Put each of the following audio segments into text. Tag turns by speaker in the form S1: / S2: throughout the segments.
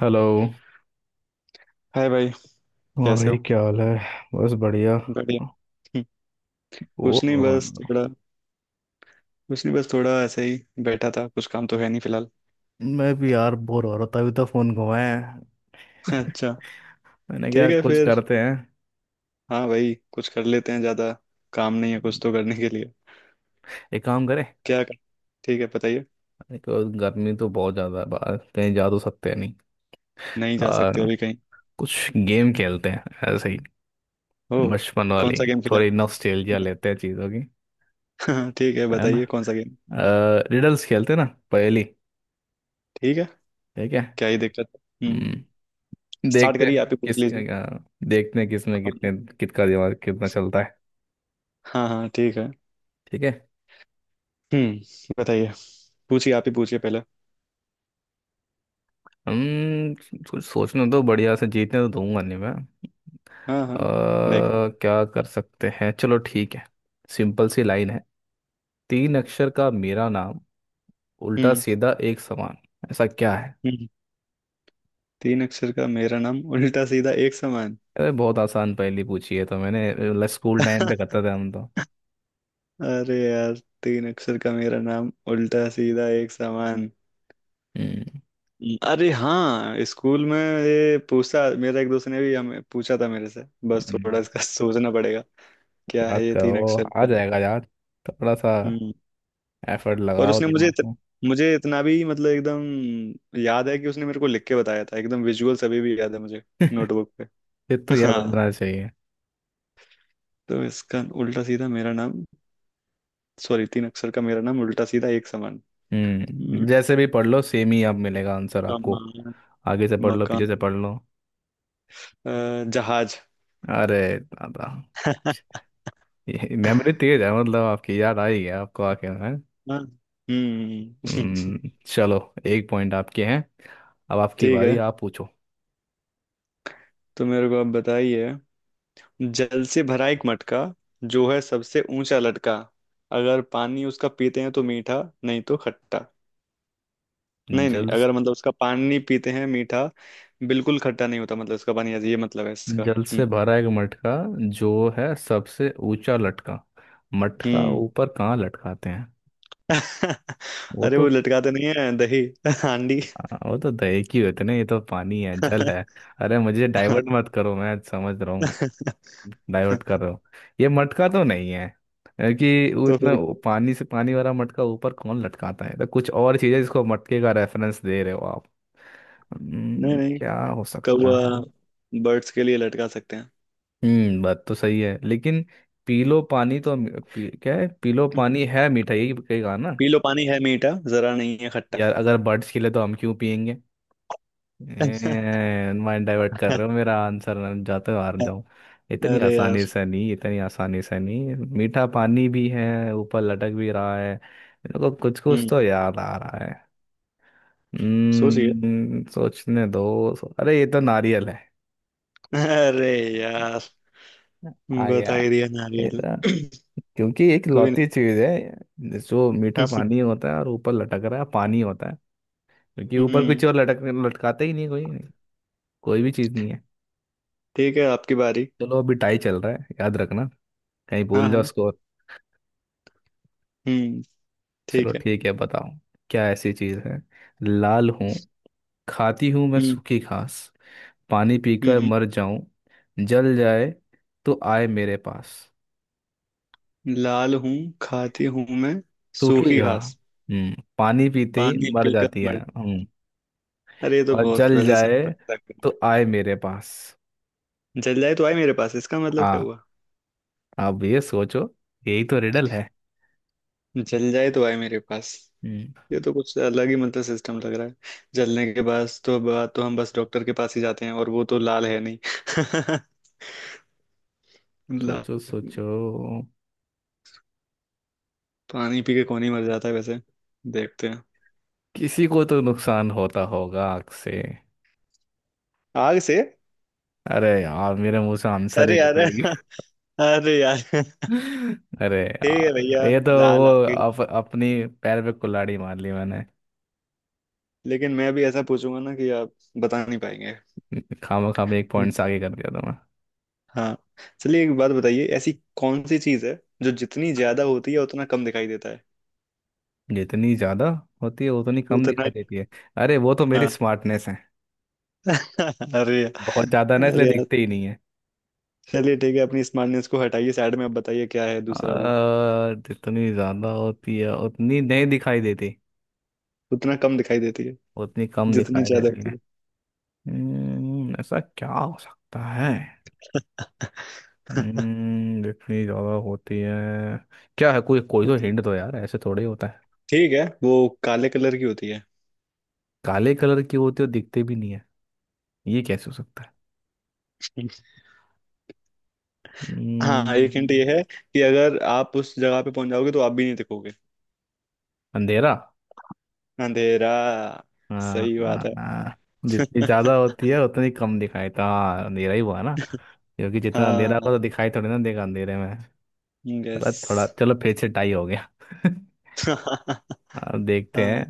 S1: Hello.
S2: Hi भाई,
S1: और
S2: कैसे हो।
S1: भाई क्या हाल है? बस बढ़िया।
S2: बढ़िया। हम्म, कुछ
S1: बोर
S2: नहीं
S1: हो रहा
S2: बस
S1: हूँ।
S2: थोड़ा। ऐसे ही बैठा था, कुछ काम तो है नहीं फिलहाल।
S1: मैं भी यार बोर हो रहा था। अभी तो फोन घुमाया है
S2: अच्छा।
S1: मैंने। क्या
S2: ठीक है
S1: कुछ
S2: फिर।
S1: करते हैं?
S2: हाँ भाई, कुछ कर लेते हैं, ज्यादा काम नहीं है कुछ तो करने के लिए।
S1: एक काम करें।
S2: क्या कर। ठीक है, बताइए।
S1: एक गर्मी तो बहुत ज्यादा है, बाहर कहीं जा तो सकते हैं नहीं।
S2: नहीं जा
S1: आ,
S2: सकते अभी कहीं।
S1: कुछ गेम खेलते हैं, ऐसे ही,
S2: हो।
S1: बचपन
S2: कौन
S1: वाली।
S2: सा गेम खेला।
S1: थोड़ी नॉस्टैल्जिया लेते हैं चीजों की।
S2: हाँ, ठीक है
S1: है
S2: बताइए,
S1: ना?
S2: कौन सा गेम।
S1: रिडल्स खेलते हैं ना, पहेली।
S2: ठीक है।
S1: ठीक है।
S2: क्या ही दिक्कत है। हम्म।
S1: हम्म,
S2: स्टार्ट
S1: देखते
S2: करिए,
S1: हैं
S2: आप ही पूछ
S1: किस
S2: लीजिए।
S1: देखते हैं किसमें
S2: कौन।
S1: कितने, किसका दिमाग कितना चलता है।
S2: हाँ हाँ, ठीक है।
S1: ठीक है।
S2: हम्म। बताइए। पूछिए, आप ही पूछिए पहले।
S1: हम कुछ सोचने तो बढ़िया से, जीतने तो दूंगा नहीं मैं।
S2: हाँ हाँ।
S1: अ,
S2: देखते हैं।
S1: क्या कर सकते हैं, चलो ठीक है। सिंपल सी लाइन है। तीन अक्षर का मेरा नाम, उल्टा
S2: हम्म।
S1: सीधा एक समान। ऐसा क्या है?
S2: हम्म। तीन अक्षर का मेरा नाम, उल्टा सीधा एक समान।
S1: अरे बहुत आसान पहेली पूछी है तो मैंने, मतलब स्कूल टाइम पे करते थे हम तो।
S2: अरे यार, तीन अक्षर का मेरा नाम उल्टा सीधा एक समान।
S1: हम्म
S2: अरे हाँ, स्कूल में ये पूछा मेरा एक दोस्त ने, भी हमें पूछा था मेरे से। बस थोड़ा इसका
S1: हम्म,
S2: सोचना पड़ेगा। क्या
S1: याद
S2: है ये तीन
S1: करो,
S2: अक्षर
S1: आ
S2: का।
S1: जाएगा यार। थोड़ा सा
S2: हम्म।
S1: एफर्ट
S2: और
S1: लगाओ
S2: उसने मुझे
S1: दिमाग
S2: इत,
S1: में।
S2: मुझे इतना भी मतलब एकदम याद है कि उसने मेरे को लिख के बताया था, एकदम विजुअल सभी भी याद है मुझे। नोटबुक पे।
S1: ये तो याद
S2: हाँ।
S1: होना चाहिए।
S2: तो इसका उल्टा सीधा मेरा नाम। सॉरी, तीन अक्षर का मेरा नाम उल्टा सीधा एक समान। हम्म,
S1: जैसे भी पढ़ लो सेम ही अब मिलेगा आंसर आपको।
S2: सामान।
S1: आगे से पढ़ लो,
S2: मकान।
S1: पीछे से पढ़ लो।
S2: जहाज।
S1: अरे दादा! ये मेमोरी तेज है, मतलब आपकी। याद आ ही गया आपको, आके है।
S2: हाँ। हम्म।
S1: चलो। एक पॉइंट आपके हैं। अब आपकी
S2: ठीक
S1: बारी,
S2: है,
S1: आप पूछो।
S2: तो मेरे को आप बताइए। जल से भरा एक मटका, जो है सबसे ऊंचा लटका, अगर पानी उसका पीते हैं तो मीठा, नहीं तो खट्टा। नहीं नहीं,
S1: जल
S2: अगर मतलब उसका पानी पीते हैं मीठा, बिल्कुल खट्टा नहीं होता, मतलब इसका पानी ऐसे- ये मतलब है इसका।
S1: जल से
S2: हम्म।
S1: भरा एक मटका, जो है सबसे ऊंचा लटका। मटका
S2: हम्म।
S1: ऊपर कहाँ लटकाते हैं? वो
S2: अरे
S1: तो
S2: वो लटकाते नहीं है दही हांडी।
S1: वो तो दही की होते ना, ये तो पानी है, जल है। अरे मुझे डाइवर्ट मत करो, मैं समझ रहा। डाइवर्ट कर रहे हो। ये मटका तो नहीं है, है कि वो
S2: तो
S1: इतना,
S2: फिर।
S1: वो पानी से, पानी वाला मटका ऊपर कौन लटकाता है? तो कुछ और चीज़ है जिसको मटके का रेफरेंस दे रहे हो आप।
S2: नहीं नहीं,
S1: क्या हो सकता
S2: कौवा,
S1: है?
S2: बर्ड्स के लिए लटका सकते हैं।
S1: बात तो सही है लेकिन पीलो पानी तो क्या है, पीलो पानी है मीठा, यही कहेगा ना।
S2: पी लो पानी है मीठा, जरा नहीं है खट्टा।
S1: यार अगर बर्ड्स के लिए तो हम क्यों पियेंगे? माइंड डाइवर्ट कर रहे हो मेरा आंसर, मैं जाते हार जाऊं। इतनी
S2: अरे यार।
S1: आसानी से नहीं, इतनी आसानी से नहीं। मीठा पानी भी है, ऊपर लटक भी रहा है। इनको कुछ कुछ
S2: हम्म।
S1: तो याद आ रहा है।
S2: सोचिए।
S1: हम्म, सोचने दो। अरे ये तो नारियल है!
S2: अरे यार।
S1: आ गया।
S2: बता ही दिया,
S1: ये
S2: नारियल।
S1: तो, क्योंकि एक
S2: कोई
S1: लौती
S2: नहीं।
S1: चीज है जो मीठा पानी होता है और ऊपर लटक रहा है, पानी होता है। क्योंकि ऊपर कुछ
S2: हम्म।
S1: और लटक, लटकाते ही नहीं कोई, कोई भी चीज नहीं है।
S2: ठीक है, आपकी बारी।
S1: चलो, अभी टाई चल रहा है, याद रखना, कहीं
S2: हाँ
S1: भूल जाओ
S2: हाँ।
S1: स्कोर।
S2: हम्म।
S1: चलो
S2: ठीक है।
S1: ठीक है, बताओ। क्या ऐसी चीज है? लाल हूँ, खाती हूँ मैं
S2: हम्म।
S1: सूखी घास, पानी पीकर
S2: हम्म।
S1: मर जाऊं, जल जाए तो आए मेरे पास।
S2: लाल हूँ, खाती हूँ मैं
S1: सूखी
S2: सूखी
S1: घास।
S2: घास,
S1: हम्म, पानी पीते ही
S2: पानी
S1: मर
S2: पीकर
S1: जाती है,
S2: मर।
S1: हम्म।
S2: अरे ये तो
S1: और
S2: बहुत
S1: जल
S2: वैसे
S1: जाए
S2: सिंपल लग रहा
S1: तो आए मेरे पास।
S2: है। जल जाए तो आए मेरे पास, इसका मतलब क्या
S1: हाँ,
S2: हुआ।
S1: अब ये सोचो, यही तो रिडल है।
S2: जल जाए तो आए मेरे पास।
S1: हम्म,
S2: ये तो कुछ अलग ही मतलब सिस्टम लग रहा है। जलने के बाद तो हम बस डॉक्टर के पास ही जाते हैं, और वो तो लाल है नहीं। लाल।
S1: सोचो सोचो।
S2: पानी पी के कौन ही मर जाता है वैसे। देखते हैं।
S1: किसी को तो नुकसान होता होगा आग से।
S2: आग से।
S1: अरे यार, मेरे मुंह से आंसर ही
S2: अरे यार
S1: निकल,
S2: अरे यार।
S1: अरे
S2: ठीक है
S1: यार
S2: भैया,
S1: ये तो
S2: लाल आ
S1: वो
S2: गई।
S1: अपनी पैर पे कुल्हाड़ी मार ली मैंने!
S2: लेकिन मैं भी ऐसा पूछूंगा ना कि आप बता नहीं पाएंगे।
S1: खामा खामा एक पॉइंट से आगे कर दिया था मैं।
S2: हाँ। चलिए, एक बात बताइए, ऐसी कौन सी चीज है जो जितनी ज्यादा होती है उतना कम दिखाई देता है।
S1: जितनी ज्यादा होती है उतनी कम
S2: उतना।
S1: दिखाई देती है? अरे वो तो मेरी
S2: हाँ।
S1: स्मार्टनेस है!
S2: अरे
S1: बहुत ज्यादा ना, इसलिए
S2: अरे।
S1: दिखते ही नहीं है।
S2: चलिए ठीक है, अपनी स्मार्टनेस को हटाइए साइड में, अब बताइए क्या है दूसरा वो।
S1: जितनी ज्यादा होती है उतनी नहीं दिखाई देती,
S2: उतना कम दिखाई देती है।
S1: उतनी कम
S2: जितनी
S1: दिखाई
S2: ज्यादा
S1: देती
S2: होती
S1: है।
S2: है।
S1: ऐसा क्या हो सकता है? जितनी ज्यादा होती है, क्या है, कोई, कोई तो
S2: उत-
S1: हिंट दो यार, ऐसे थोड़ी होता है।
S2: ठीक है, वो काले कलर की होती है।
S1: काले कलर के होते और दिखते भी नहीं है, ये कैसे हो सकता है?
S2: हाँ, एक हिंट
S1: हम्म,
S2: ये है कि अगर आप उस जगह पे पहुंच जाओगे तो आप भी नहीं दिखोगे।
S1: अंधेरा।
S2: अंधेरा।
S1: आ, आ,
S2: सही बात है।
S1: आ, जितनी ज्यादा होती है उतनी कम दिखाई था, हाँ, अंधेरा ही हुआ ना। क्योंकि जितना अंधेरा
S2: हाँ।
S1: होगा तो दिखाई थोड़ी ना देगा अंधेरे में। चलो
S2: यस।
S1: थोड़ा, चलो फिर से टाई हो गया।
S2: हाँ।
S1: अब देखते हैं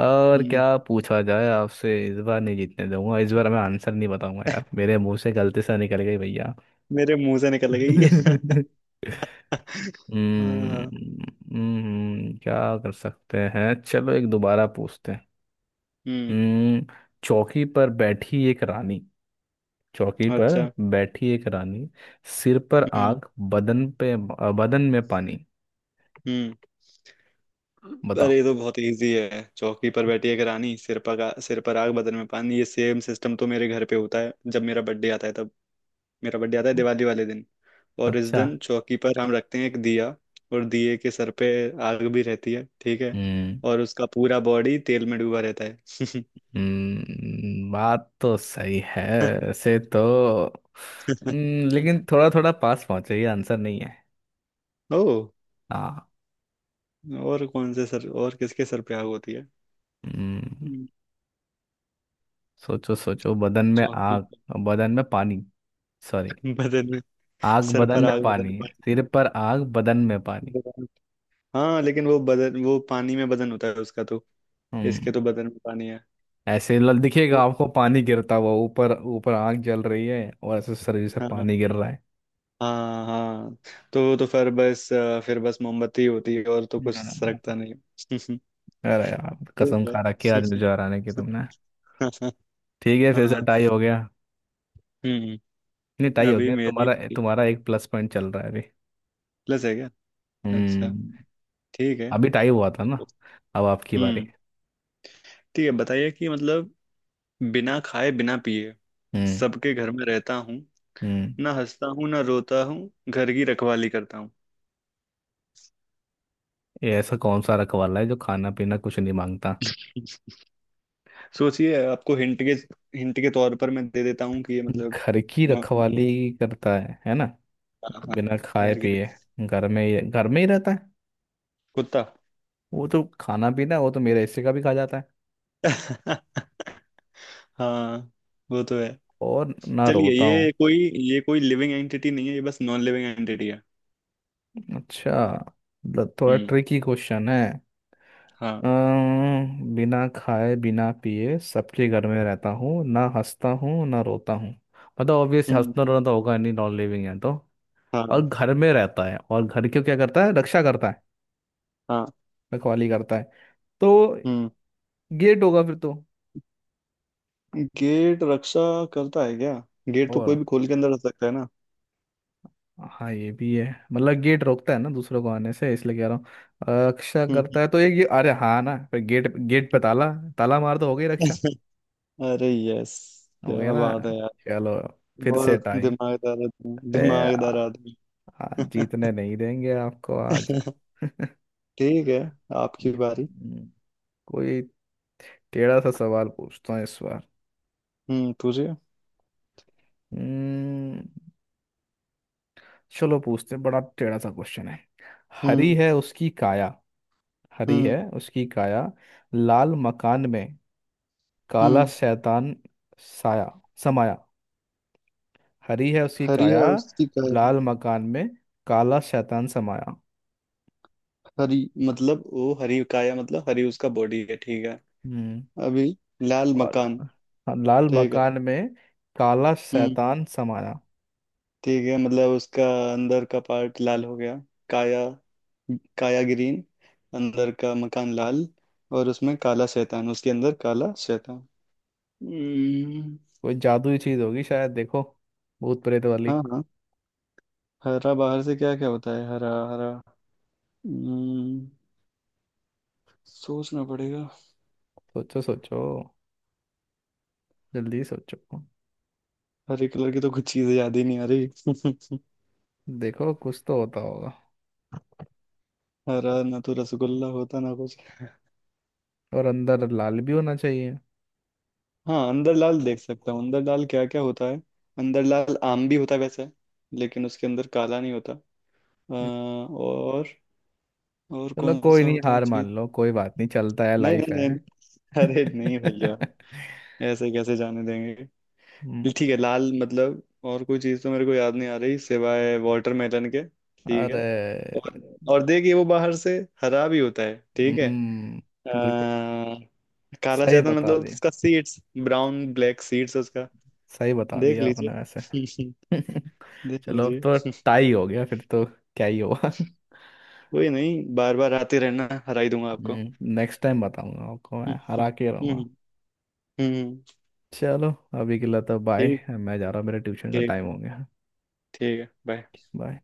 S1: और
S2: हम्म,
S1: क्या पूछा जाए आपसे, इस बार नहीं जीतने दूंगा। इस बार मैं आंसर नहीं बताऊंगा यार, मेरे मुंह से गलती से निकल गई भैया।
S2: मेरे मुंह से निकल गई। हाँ।
S1: हम्म क्या कर सकते हैं, चलो एक दोबारा पूछते हैं।
S2: हम्म।
S1: हम्म। चौकी पर बैठी एक रानी, चौकी पर
S2: अच्छा।
S1: बैठी एक रानी, सिर पर
S2: हम्म।
S1: आग, बदन पे बदन में पानी।
S2: हम्म। अरे
S1: बताओ।
S2: ये तो बहुत इजी है, चौकी पर बैठी है रानी, सिर पर आग बदन में पानी, ये सेम सिस्टम तो मेरे घर पे होता है जब मेरा बर्थडे आता है तब। मेरा बर्थडे आता है दिवाली वाले दिन, और इस
S1: अच्छा।
S2: दिन चौकी पर हम रखते हैं एक दिया, और दिए के सर पे आग भी रहती है, ठीक है।
S1: हम्म।
S2: और उसका पूरा बॉडी तेल में डूबा रहता है।
S1: बात तो सही है, ऐसे तो, लेकिन थोड़ा थोड़ा पास पहुंचे, ये आंसर नहीं है।
S2: ओ।
S1: हाँ।
S2: और कौन से सर और किसके सर पे आग होती है।
S1: हम्म
S2: हम्म,
S1: सोचो सोचो, बदन में
S2: चौकी
S1: आग,
S2: पर।
S1: बदन में पानी, सॉरी,
S2: बदन में।
S1: आग
S2: सर
S1: बदन
S2: पर
S1: में
S2: आग बदन
S1: पानी,
S2: में
S1: सिर पर आग बदन में पानी।
S2: पानी। हाँ, लेकिन वो बदन वो पानी में बदन होता है उसका तो,
S1: हम्म।
S2: इसके तो बदन में पानी है।
S1: ऐसे दिखेगा आपको पानी गिरता हुआ, ऊपर ऊपर आग जल रही है और ऐसे शरीर से
S2: हाँ
S1: पानी गिर रहा है।
S2: हाँ। हाँ। तो फिर बस फिर बस मोमबत्ती होती है और तो कुछ
S1: हम्म।
S2: सरकता नहीं।
S1: अरे यार,
S2: ठीक
S1: कसम
S2: है।
S1: खा रखी है आज मुझे हराने की तुमने! ठीक है, फिर से
S2: हाँ।
S1: टाई हो गया।
S2: हम्म।
S1: नहीं, टाई हो
S2: अभी
S1: गया?
S2: मेरी
S1: तुम्हारा तुम्हारा एक प्लस पॉइंट चल रहा है अभी।
S2: प्लस है क्या। अच्छा।
S1: हम्म।
S2: ठीक है।
S1: अभी टाई हुआ था ना? अब आपकी बारी।
S2: हम्म। ठीक है, बताइए कि मतलब, बिना खाए बिना पिए
S1: हम्म।
S2: सबके घर में रहता हूँ,
S1: हम्म।
S2: ना हंसता हूँ ना रोता हूँ, घर की रखवाली करता हूँ।
S1: ये ऐसा कौन सा रखवाला है जो खाना पीना कुछ नहीं मांगता?
S2: सोचिए आपको हिंट के तौर पर मैं दे देता हूँ कि ये मतलब।
S1: घर की रखवाली करता है ना?
S2: हाँ हाँ।
S1: बिना खाए
S2: घर के।
S1: पिए, घर में ही रहता है।
S2: कुत्ता।
S1: वो तो खाना पीना, वो तो मेरे हिस्से का भी खा जाता है।
S2: हाँ, वो तो है।
S1: और ना
S2: चलिए,
S1: रोता हूँ।
S2: ये कोई लिविंग एंटिटी नहीं है, ये बस नॉन लिविंग एंटिटी है।
S1: अच्छा। मतलब थोड़ा
S2: हम्म।
S1: ट्रिकी क्वेश्चन है।
S2: हाँ।
S1: बिना खाए बिना पिए, सबके घर में रहता हूँ, ना हंसता हूँ ना रोता हूँ। मतलब ऑब्वियस
S2: हम्म।
S1: हंसना रोना तो होगा नहीं, नॉन लिविंग है तो। और
S2: हाँ
S1: घर में रहता है, और घर की क्या करता है, रक्षा करता है,
S2: हाँ।
S1: रखवाली करता है। तो
S2: हम्म।
S1: गेट होगा फिर तो।
S2: गेट रक्षा करता है क्या। गेट तो
S1: और
S2: कोई भी खोल के अंदर रख सकता है ना।
S1: हाँ, ये भी है। मतलब गेट रोकता है ना दूसरों को आने से, इसलिए कह रहा हूँ। रक्षा
S2: हम्म।
S1: करता है, तो ये अरे हाँ ना, पर गेट गेट पे ताला, ताला मार तो हो गई रक्षा।
S2: अरे यस,
S1: हो
S2: क्या
S1: गया ना।
S2: बात है यार।
S1: चलो, फिर से
S2: बहुत
S1: टाई।
S2: दिमागदार आदमी
S1: ए आ,
S2: दिमागदार आदमी।
S1: जीतने नहीं देंगे आपको आज।
S2: ठीक है, आपकी बारी।
S1: कोई टेढ़ा सा सवाल पूछता हूँ इस बार।
S2: तुझे।
S1: हम्म, चलो पूछते हैं, बड़ा टेढ़ा सा क्वेश्चन है। हरी
S2: हम्म।
S1: है उसकी काया, हरी
S2: हम्म।
S1: है उसकी काया, लाल मकान में काला
S2: हम्म।
S1: शैतान साया समाया। हरी है उसकी
S2: हरी
S1: काया,
S2: है उसकी काया।
S1: लाल मकान में काला शैतान समाया।
S2: हरी। मतलब वो हरी काया मतलब हरी उसका बॉडी है, ठीक है।
S1: हम्म।
S2: अभी लाल
S1: और,
S2: मकान।
S1: हाँ, लाल
S2: ठीक है।
S1: मकान में काला
S2: हम्म।
S1: शैतान समाया।
S2: ठीक है, मतलब उसका अंदर का पार्ट लाल हो गया। काया। काया ग्रीन, अंदर का मकान लाल, और उसमें काला शैतान, उसके अंदर काला शैतान। हम्म।
S1: कोई जादुई चीज होगी शायद, देखो, भूत प्रेत वाली।
S2: हाँ हाँ। हरा बाहर से, क्या क्या होता है हरा हरा। हम्म। सोचना पड़ेगा।
S1: सोचो सोचो, जल्दी सोचो।
S2: हरे कलर की तो कुछ चीजें याद ही नहीं आ रही।
S1: देखो कुछ तो होता होगा।
S2: हरा ना तो रसगुल्ला होता ना कुछ।
S1: और अंदर लाल भी होना चाहिए।
S2: हाँ अंदरलाल देख सकता हूँ, अंदरलाल क्या क्या होता है। अंदरलाल आम भी होता है वैसे, लेकिन उसके अंदर काला नहीं होता। अ,
S1: हम्म,
S2: और और
S1: चलो
S2: कौन
S1: कोई
S2: सा
S1: नहीं,
S2: होता है
S1: हार
S2: चीज।
S1: मान लो, कोई बात नहीं, चलता है,
S2: नहीं
S1: लाइफ
S2: नहीं नहीं।
S1: है।
S2: अरे नहीं भैया, ऐसे कैसे जाने देंगे।
S1: हम्म,
S2: ठीक है, लाल मतलब। और कोई चीज तो मेरे को याद नहीं आ रही सिवाय वाटरमेलन के, ठीक है।
S1: अरे
S2: और और देखिए, वो बाहर से हरा भी होता है, ठीक है।
S1: हम्म, बिल्कुल।
S2: अ, काला
S1: सही
S2: शैतान
S1: बता
S2: मतलब
S1: दिया,
S2: उसका सीड्स, ब्राउन ब्लैक सीड्स उसका।
S1: सही बता
S2: देख
S1: दिया
S2: लीजिए।
S1: आपने वैसे।
S2: देख
S1: चलो अब तो
S2: लीजिए।
S1: टाई हो गया फिर तो, क्या ही होगा।
S2: कोई नहीं, बार बार आते रहना, हरा ही दूंगा आपको।
S1: नेक्स्ट टाइम बताऊंगा आपको,
S2: हम्म।
S1: मैं हरा के
S2: हम्म।
S1: रहूंगा।
S2: हम्म,
S1: चलो, अभी के लिए तो बाय,
S2: ठीक।
S1: मैं जा रहा हूँ, मेरे ट्यूशन का
S2: ठीक।
S1: टाइम हो गया।
S2: ठीक है बाय।
S1: बाय।